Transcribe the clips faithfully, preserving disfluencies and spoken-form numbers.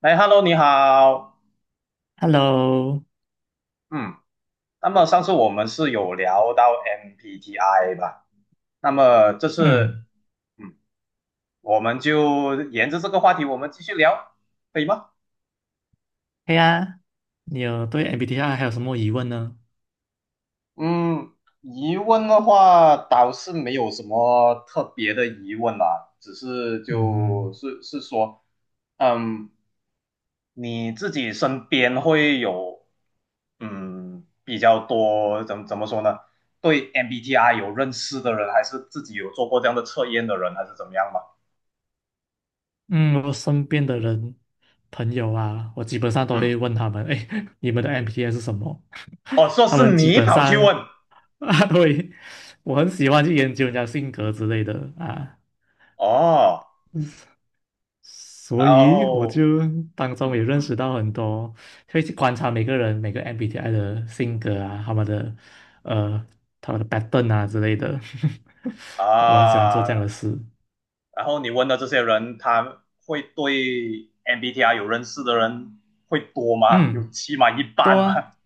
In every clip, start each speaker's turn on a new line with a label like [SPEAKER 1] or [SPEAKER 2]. [SPEAKER 1] 哎，Hello，你好。
[SPEAKER 2] Hello，
[SPEAKER 1] 嗯，那么上次我们是有聊到 M B T I 吧？那么这
[SPEAKER 2] 嗯，
[SPEAKER 1] 次嗯我们就沿着这个话题，我们继续聊，可以吗？
[SPEAKER 2] 对呀，你有对 M B T I 还有什么疑问呢？
[SPEAKER 1] 嗯，疑问的话倒是没有什么特别的疑问啦，只是就
[SPEAKER 2] 嗯
[SPEAKER 1] 是是说，嗯，你自己身边会有嗯比较多怎怎么说呢？对 M B T I 有认识的人，还是自己有做过这样的测验的人，还是怎么样嘛？
[SPEAKER 2] 嗯，我身边的人朋友啊，我基本上都
[SPEAKER 1] 嗯，
[SPEAKER 2] 会问他们，哎，你们的 M B T I 是什么？
[SPEAKER 1] 哦，说
[SPEAKER 2] 他
[SPEAKER 1] 是
[SPEAKER 2] 们基
[SPEAKER 1] 你
[SPEAKER 2] 本
[SPEAKER 1] 跑去问
[SPEAKER 2] 上。 啊，对，我很喜欢去研究人家性格之类的啊，
[SPEAKER 1] 哦，然
[SPEAKER 2] 所以我
[SPEAKER 1] 后
[SPEAKER 2] 就当中
[SPEAKER 1] 嗯
[SPEAKER 2] 也认
[SPEAKER 1] 嗯
[SPEAKER 2] 识到很多，会去观察每个人每个 M B T I 的性格啊，他们的呃他们的 pattern 啊之类的。我很喜欢做
[SPEAKER 1] 啊，
[SPEAKER 2] 这样的事。
[SPEAKER 1] 然后你问的这些人，他会对 M B T I 有认识的人会多吗？有
[SPEAKER 2] 嗯，
[SPEAKER 1] 起码一
[SPEAKER 2] 多
[SPEAKER 1] 半
[SPEAKER 2] 啊，
[SPEAKER 1] 吗？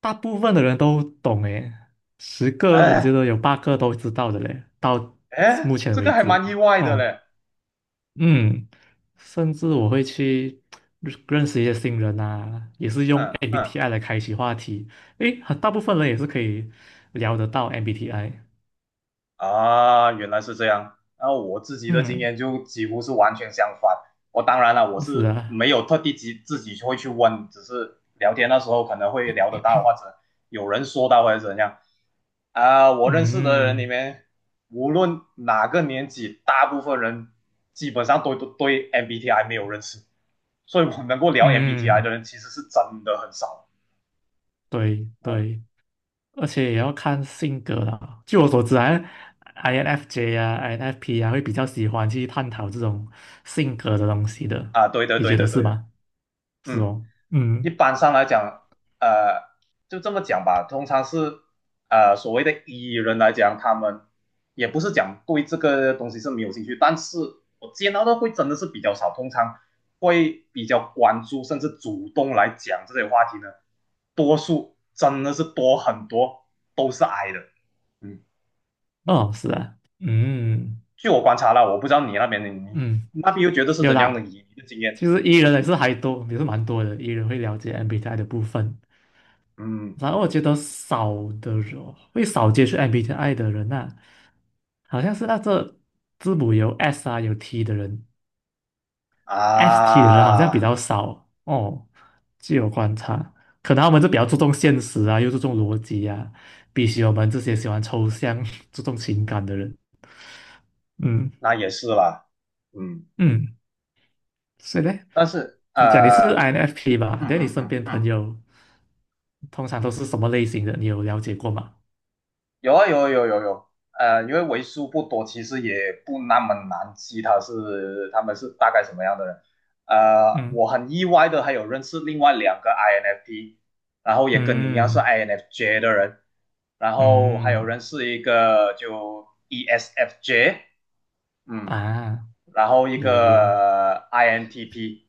[SPEAKER 2] 大部分的人都懂诶，十 个我觉
[SPEAKER 1] 哎
[SPEAKER 2] 得有八个都知道的嘞，到
[SPEAKER 1] 哎，
[SPEAKER 2] 目前
[SPEAKER 1] 这个
[SPEAKER 2] 为
[SPEAKER 1] 还
[SPEAKER 2] 止。
[SPEAKER 1] 蛮意外的
[SPEAKER 2] 哦、
[SPEAKER 1] 嘞。
[SPEAKER 2] 嗯，甚至我会去认认识一些新人呐，也是用
[SPEAKER 1] 嗯嗯。
[SPEAKER 2] M B T I 来开启话题。诶，很大部分人也是可以聊得到 M B T I。
[SPEAKER 1] 啊，原来是这样。那我自己的经
[SPEAKER 2] 嗯，
[SPEAKER 1] 验就几乎是完全相反。我当然了，我
[SPEAKER 2] 是
[SPEAKER 1] 是
[SPEAKER 2] 啊，
[SPEAKER 1] 没有特地自自己会去问，只是聊天的时候可能会聊得到，或者有人说到或者怎样啊。我认识的人里
[SPEAKER 2] 嗯
[SPEAKER 1] 面，无论哪个年纪，大部分人基本上都都对 M B T I 没有认识，所以我能够聊 M B T I 的
[SPEAKER 2] 嗯，
[SPEAKER 1] 人其实是真的很少。
[SPEAKER 2] 对
[SPEAKER 1] 嗯
[SPEAKER 2] 对，而且也要看性格啦。据我所知啊，I N F J 啊，I N F P 啊，会比较喜欢去探讨这种性格的东西的。
[SPEAKER 1] 啊，对对
[SPEAKER 2] 你觉
[SPEAKER 1] 对
[SPEAKER 2] 得
[SPEAKER 1] 对
[SPEAKER 2] 是
[SPEAKER 1] 对的，
[SPEAKER 2] 吗？是
[SPEAKER 1] 嗯。
[SPEAKER 2] 哦，
[SPEAKER 1] 一
[SPEAKER 2] 嗯，
[SPEAKER 1] 般上来讲，呃，就这么讲吧，通常是呃所谓的艺人来讲，他们也不是讲对这个东西是没有兴趣，但是我见到的会真的是比较少，通常会比较关注甚至主动来讲这些话题呢，多数真的是多很多都是矮的，嗯，
[SPEAKER 2] 哦，是啊，嗯
[SPEAKER 1] 据我观察了，我不知道你那边的你
[SPEAKER 2] 嗯。
[SPEAKER 1] 那边又觉得是
[SPEAKER 2] 有
[SPEAKER 1] 怎样的
[SPEAKER 2] 啦，
[SPEAKER 1] 你的经验？
[SPEAKER 2] 其实 E 人也是还多，也是蛮多的。E 人会了解 M B T I 的部分，
[SPEAKER 1] 嗯
[SPEAKER 2] 然后我觉得少的人会少接触 M B T I 的人啊，好像是那这字母有 S 啊有 T 的人，S T 的人好像比
[SPEAKER 1] 啊，
[SPEAKER 2] 较少哦。据我观察，可能我们就比较注重现实啊，又注重逻辑啊，比起我们这些喜欢抽象、注重情感的人。嗯
[SPEAKER 1] 那也是啦，嗯。
[SPEAKER 2] 嗯，所以呢，
[SPEAKER 1] 但是
[SPEAKER 2] 你讲你
[SPEAKER 1] 呃，
[SPEAKER 2] 是 I N F P 吧？
[SPEAKER 1] 嗯
[SPEAKER 2] 那你
[SPEAKER 1] 嗯
[SPEAKER 2] 身
[SPEAKER 1] 嗯
[SPEAKER 2] 边
[SPEAKER 1] 嗯，
[SPEAKER 2] 朋友？通常都是什么类型的？你有了解过吗？
[SPEAKER 1] 有啊有啊有啊有啊有啊呃，因为为数不多，其实也不那么难记他是他们是大概什么样的人。呃，
[SPEAKER 2] 嗯
[SPEAKER 1] 我很意外的还有认识另外两个 I N F P，然后也跟你一样是
[SPEAKER 2] 嗯
[SPEAKER 1] INFJ 的人，然后还有
[SPEAKER 2] 嗯
[SPEAKER 1] 认识一个就 ESFJ，嗯，
[SPEAKER 2] 啊，
[SPEAKER 1] 然后一
[SPEAKER 2] 有有有
[SPEAKER 1] 个 I N T P，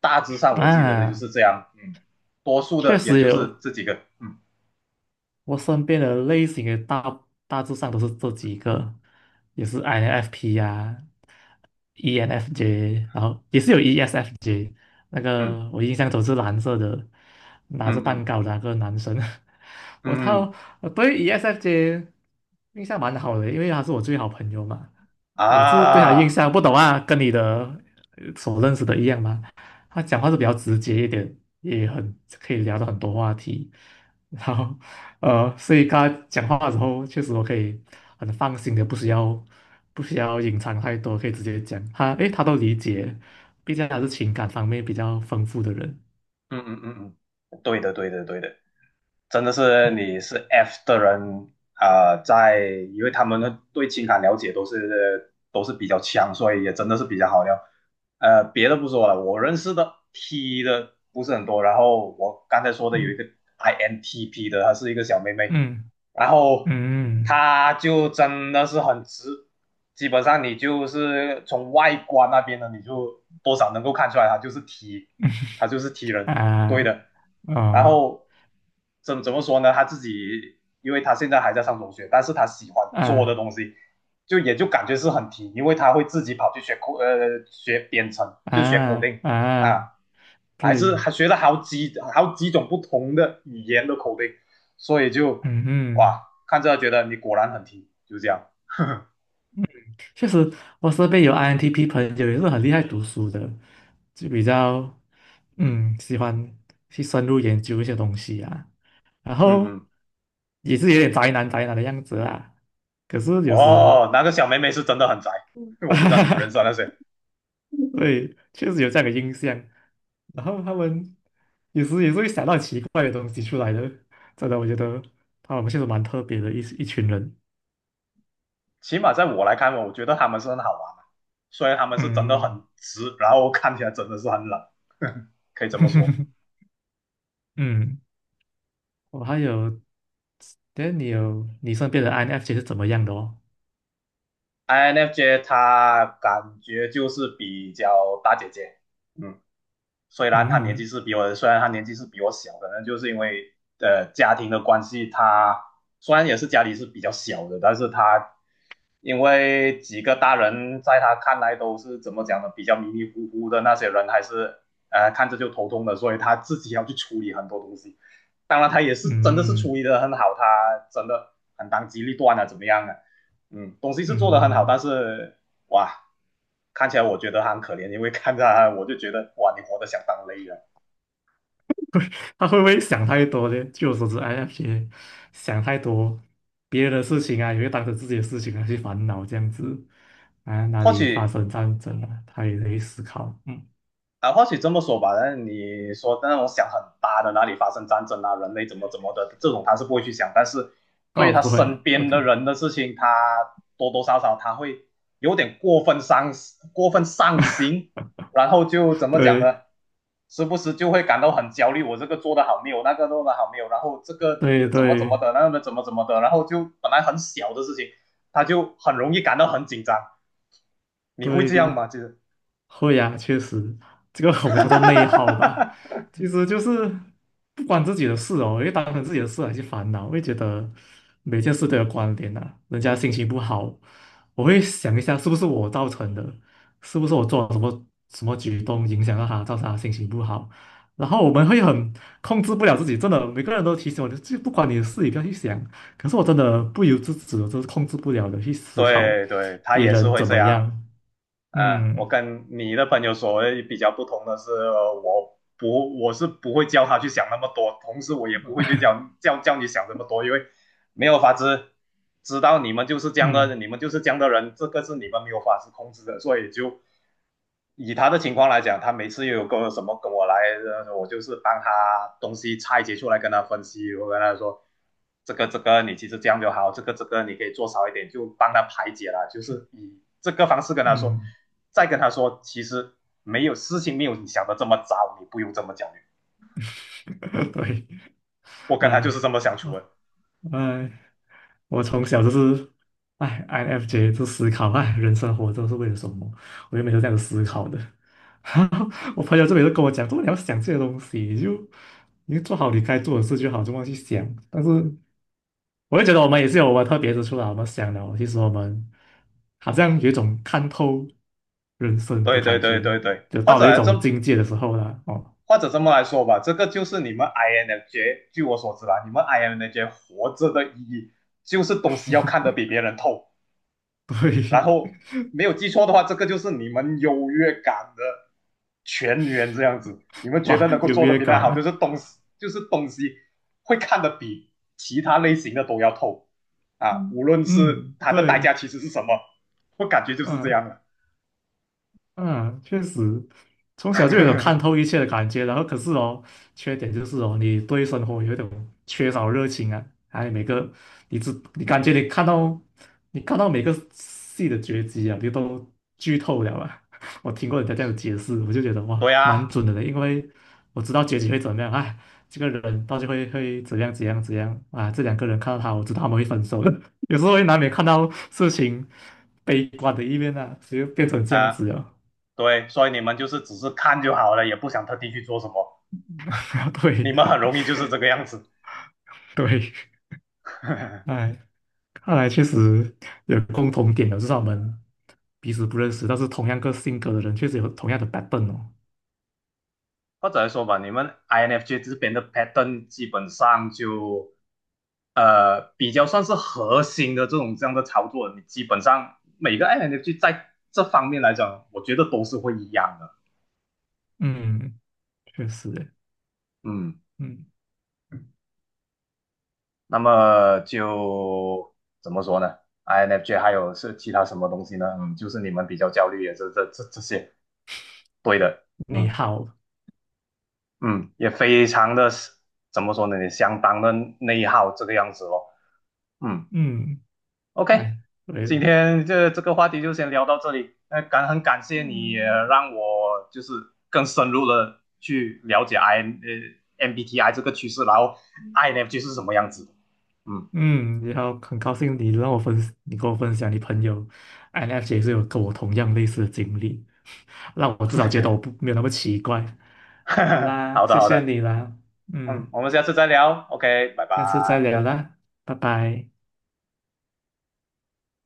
[SPEAKER 1] 大致上我记得的就
[SPEAKER 2] 啊，
[SPEAKER 1] 是这样，嗯，多数
[SPEAKER 2] 确
[SPEAKER 1] 的也
[SPEAKER 2] 实
[SPEAKER 1] 就
[SPEAKER 2] 有。
[SPEAKER 1] 是这几个，嗯
[SPEAKER 2] 我身边的类型的大大致上都是这几个，也是 I N F P 呀、E N F J，然后也是有 E S F J。那
[SPEAKER 1] 嗯。
[SPEAKER 2] 个我印象中是蓝色的，拿着
[SPEAKER 1] 嗯
[SPEAKER 2] 蛋
[SPEAKER 1] 嗯
[SPEAKER 2] 糕的那个男生。我
[SPEAKER 1] 嗯
[SPEAKER 2] 操，
[SPEAKER 1] 嗯
[SPEAKER 2] 我对 E S F J 印象蛮好的，因为他是我最好朋友嘛。我是对他印
[SPEAKER 1] 啊，
[SPEAKER 2] 象不懂啊，跟你的呃所认识的一样嘛。他讲话是比较直接一点，也很可以聊到很多话题。然后，呃，所以跟他讲话的时候，确实我可以很放心的，不需要不需要隐藏太多，可以直接讲。他诶，他都理解，毕竟他是情感方面比较丰富的人。
[SPEAKER 1] 嗯嗯嗯嗯，对的对的对的，真的是你是 F 的人啊、呃在因为他们的对情感了解都是都是比较强，所以也真的是比较好聊。呃，别的不说了，我认识的 T 的不是很多，然后我刚才说的有一
[SPEAKER 2] 嗯
[SPEAKER 1] 个 I N T P 的，她是一个小妹妹，
[SPEAKER 2] 嗯
[SPEAKER 1] 然后
[SPEAKER 2] 嗯
[SPEAKER 1] 她就真的是很直，基本上你就是从外观那边呢，你就多少能够看出来她就是 T，她就是 T 人。
[SPEAKER 2] 嗯
[SPEAKER 1] 对
[SPEAKER 2] 啊
[SPEAKER 1] 的。然
[SPEAKER 2] 哦
[SPEAKER 1] 后怎怎么说呢？他自己，因为他现在还在上中学，但是他喜欢做的
[SPEAKER 2] 啊
[SPEAKER 1] 东西，就也就感觉是很提，因为他会自己跑去学口呃学编程，就学口
[SPEAKER 2] 啊
[SPEAKER 1] 令
[SPEAKER 2] 啊，
[SPEAKER 1] 啊，还是
[SPEAKER 2] 对，
[SPEAKER 1] 还学了好几好几种不同的语言的口令，所以就
[SPEAKER 2] 嗯
[SPEAKER 1] 哇，看着觉得你果然很提，就这样。
[SPEAKER 2] 确实，我身边有 I N T P 朋友也是很厉害读书的，就比较嗯喜欢去深入研究一些东西啊，然
[SPEAKER 1] 嗯
[SPEAKER 2] 后
[SPEAKER 1] 嗯，
[SPEAKER 2] 也是有点宅男宅男的样子啊。可是有时，
[SPEAKER 1] 哦，那个小妹妹是真的很宅，我不知道你认识那 谁。
[SPEAKER 2] 对，确实有这样的印象。然后他们有时也是会想到奇怪的东西出来的，真的，我觉得他们确实蛮特别的一一群人。
[SPEAKER 1] 起码在我来看，我觉得他们是很好玩的，虽然他们是真的
[SPEAKER 2] 嗯，
[SPEAKER 1] 很直，然后看起来真的是很冷，可以这么说。
[SPEAKER 2] 嗯。我还有，但你有你身边的 I N F J 是怎么样的哦？
[SPEAKER 1] I N F J 他感觉就是比较大姐姐，嗯。虽然他年纪
[SPEAKER 2] 嗯
[SPEAKER 1] 是比我，虽然他年纪是比我小，可能就是因为呃家庭的关系，他虽然也是家里是比较小的，但是他因为几个大人在他看来都是怎么讲呢，比较迷迷糊糊的那些人，还是呃看着就头痛的，所以他自己要去处理很多东西。当然，他也是真的是处
[SPEAKER 2] 嗯
[SPEAKER 1] 理的很好，他真的很当机立断啊，怎么样啊？嗯，东西是
[SPEAKER 2] 嗯，
[SPEAKER 1] 做的很好，但
[SPEAKER 2] 嗯，
[SPEAKER 1] 是哇，看起来我觉得他很可怜，因为看着他，我就觉得哇，你活得相当累啊。
[SPEAKER 2] 他会不会想太多呢？据我所知，I N F J 想太多，别人的事情啊，也会当成自己的事情啊去烦恼这样子啊，哪
[SPEAKER 1] 或
[SPEAKER 2] 里发
[SPEAKER 1] 许
[SPEAKER 2] 生战争了，他也会思考。嗯，
[SPEAKER 1] 啊，或许这么说吧，那你说那种想很大的哪里发生战争啊，人类怎么怎么的这种他是不会去想，但是对于
[SPEAKER 2] 哦，
[SPEAKER 1] 他
[SPEAKER 2] 不会啊
[SPEAKER 1] 身边
[SPEAKER 2] ，OK，
[SPEAKER 1] 的人的事情，他多多少少他会有点过分伤过分上心，然后就怎么讲呢？
[SPEAKER 2] 对
[SPEAKER 1] 时不时就会感到很焦虑，我这个做的好没有，那个做的好没有，然后这个
[SPEAKER 2] 对
[SPEAKER 1] 怎么怎么
[SPEAKER 2] 对
[SPEAKER 1] 的，那个怎么怎么的，然后就本来很小的事情，他就很容易感到很紧张。你会这样
[SPEAKER 2] 对，
[SPEAKER 1] 吗？就是。
[SPEAKER 2] 会呀，确实，这个我们叫做内耗吧。其 实就是不关自己的事哦，因为当成自己的事来去烦恼，会觉得每件事都有关联呐、人家心情不好，我会想一下是不是我造成的，是不是我做了什么什么举动影响到他，造成他心情不好。然后我们会很控制不了自己，真的，每个人都提醒我，就不管你的事，你不要去想。可是我真的不由自主，就是控制不了的去思考
[SPEAKER 1] 对对，他
[SPEAKER 2] 别
[SPEAKER 1] 也是
[SPEAKER 2] 人
[SPEAKER 1] 会
[SPEAKER 2] 怎
[SPEAKER 1] 这
[SPEAKER 2] 么
[SPEAKER 1] 样。
[SPEAKER 2] 样。
[SPEAKER 1] 嗯，我
[SPEAKER 2] 嗯
[SPEAKER 1] 跟你的朋友所谓比较不同的是，呃我不我是不会教他去想那么多，同时我也不会去教教教你想这么多，因为没有法子知道你们就是这样的，
[SPEAKER 2] 嗯。
[SPEAKER 1] 你们就是这样的人，这个是你们没有法子控制的，所以就以他的情况来讲，他每次又有个什么跟我来，呃我就是帮他东西拆解出来跟他分析，我跟他说这个这个你其实这样就好，这个这个你可以做少一点，就帮他排解了，就是以这个方式跟他说，
[SPEAKER 2] 嗯，
[SPEAKER 1] 再跟他说其实没有事情没有你想的这么糟，你不用这么焦虑，
[SPEAKER 2] 对，
[SPEAKER 1] 我跟他就是
[SPEAKER 2] 哎，
[SPEAKER 1] 这么相处
[SPEAKER 2] 我
[SPEAKER 1] 的，
[SPEAKER 2] 哎，我从小就是，哎，I N F J 就思考，哎，人生活着是为了什么？我就每次这样子思考的。我朋友这边就跟我讲，怎么你要想这些东西，你就你就做好你该做的事就好，就忘记想。但是我就觉得我们也是有我们特别之处啦，我们想了，其实我们好像有一种看透人生
[SPEAKER 1] 对
[SPEAKER 2] 的
[SPEAKER 1] 对
[SPEAKER 2] 感
[SPEAKER 1] 对
[SPEAKER 2] 觉，
[SPEAKER 1] 对对，
[SPEAKER 2] 就
[SPEAKER 1] 或
[SPEAKER 2] 到了一
[SPEAKER 1] 者这
[SPEAKER 2] 种境界的时候了。哦，
[SPEAKER 1] 或者这么来说吧，这个就是你们 I N F J，据我所知啦，你们 I N F J 活着的意义就是东西要看得比别人透，然
[SPEAKER 2] 对，
[SPEAKER 1] 后没有记错的话，这个就是你们优越感的全员这样子。你们 觉
[SPEAKER 2] 哇，
[SPEAKER 1] 得能够
[SPEAKER 2] 优
[SPEAKER 1] 做得
[SPEAKER 2] 越
[SPEAKER 1] 比他
[SPEAKER 2] 感
[SPEAKER 1] 好，就
[SPEAKER 2] 呢？
[SPEAKER 1] 是东西，就是东西会看得比其他类型的都要透啊，无
[SPEAKER 2] 嗯，
[SPEAKER 1] 论是
[SPEAKER 2] 嗯，
[SPEAKER 1] 它的代价
[SPEAKER 2] 对，
[SPEAKER 1] 其实是什么，我感觉
[SPEAKER 2] 嗯、
[SPEAKER 1] 就是这
[SPEAKER 2] 呃
[SPEAKER 1] 样的。
[SPEAKER 2] 嗯，确实，从小就有种看 透一切的感觉，然后可是哦，缺点就是哦，你对生活有一种缺少热情啊，还有每个你只你感觉你看到你看到每个戏的结局啊，你都剧透了啊。我听过人家这样解释，我就觉得哇，
[SPEAKER 1] 对啊，
[SPEAKER 2] 蛮准的嘞，因为我知道结局会怎么样，哎，这个人到底会会怎样怎样怎样啊，这两个人看到他，我知道他们会分手的，有时候会难免看到事情悲观的一面啊，所以就变成这样
[SPEAKER 1] 啊、呃
[SPEAKER 2] 子了。
[SPEAKER 1] 对，所以你们就是只是看就好了，也不想特地去做什么。你们
[SPEAKER 2] 对
[SPEAKER 1] 很容易就是这个样子，
[SPEAKER 2] 对，哎，看来确实有共同点的，至少我们彼此不认识，但是同样个性格的人，确实有同样的 pattern 哦。
[SPEAKER 1] 或者来说吧，你们 I N F J 这边的 pattern 基本上就呃比较算是核心的这种这样的操作，你基本上每个 I N F J 在这方面来讲，我觉得都是会一样的。
[SPEAKER 2] 嗯，确实耶，
[SPEAKER 1] 嗯，
[SPEAKER 2] 嗯，
[SPEAKER 1] 那么就怎么说呢？I N F J 还有是其他什么东西呢？嗯，就是你们比较焦虑也是这这这些，对的，
[SPEAKER 2] 你
[SPEAKER 1] 嗯。
[SPEAKER 2] 好，
[SPEAKER 1] 嗯，也非常的怎么说呢，也相当的内耗这个样子咯。嗯
[SPEAKER 2] 嗯，
[SPEAKER 1] ，OK，
[SPEAKER 2] 哎，对
[SPEAKER 1] 今
[SPEAKER 2] 的，
[SPEAKER 1] 天这这个话题就先聊到这里。那感很感谢你也
[SPEAKER 2] 嗯
[SPEAKER 1] 让我就是更深入的去了解 I 呃 M B T I 这个趋势，然后 I N F J 是什么样子的。嗯，
[SPEAKER 2] 嗯，然后很高兴你让我分，你跟我分享你朋友 I N F J 是有跟我同样类似的经历，让我至少觉得我不没有那么奇怪。好 啦，
[SPEAKER 1] 好的
[SPEAKER 2] 谢
[SPEAKER 1] 好
[SPEAKER 2] 谢
[SPEAKER 1] 的，
[SPEAKER 2] 你啦，
[SPEAKER 1] 嗯，
[SPEAKER 2] 嗯，
[SPEAKER 1] 我们下次再聊。OK，拜
[SPEAKER 2] 下次再
[SPEAKER 1] 拜。
[SPEAKER 2] 聊啦，拜拜。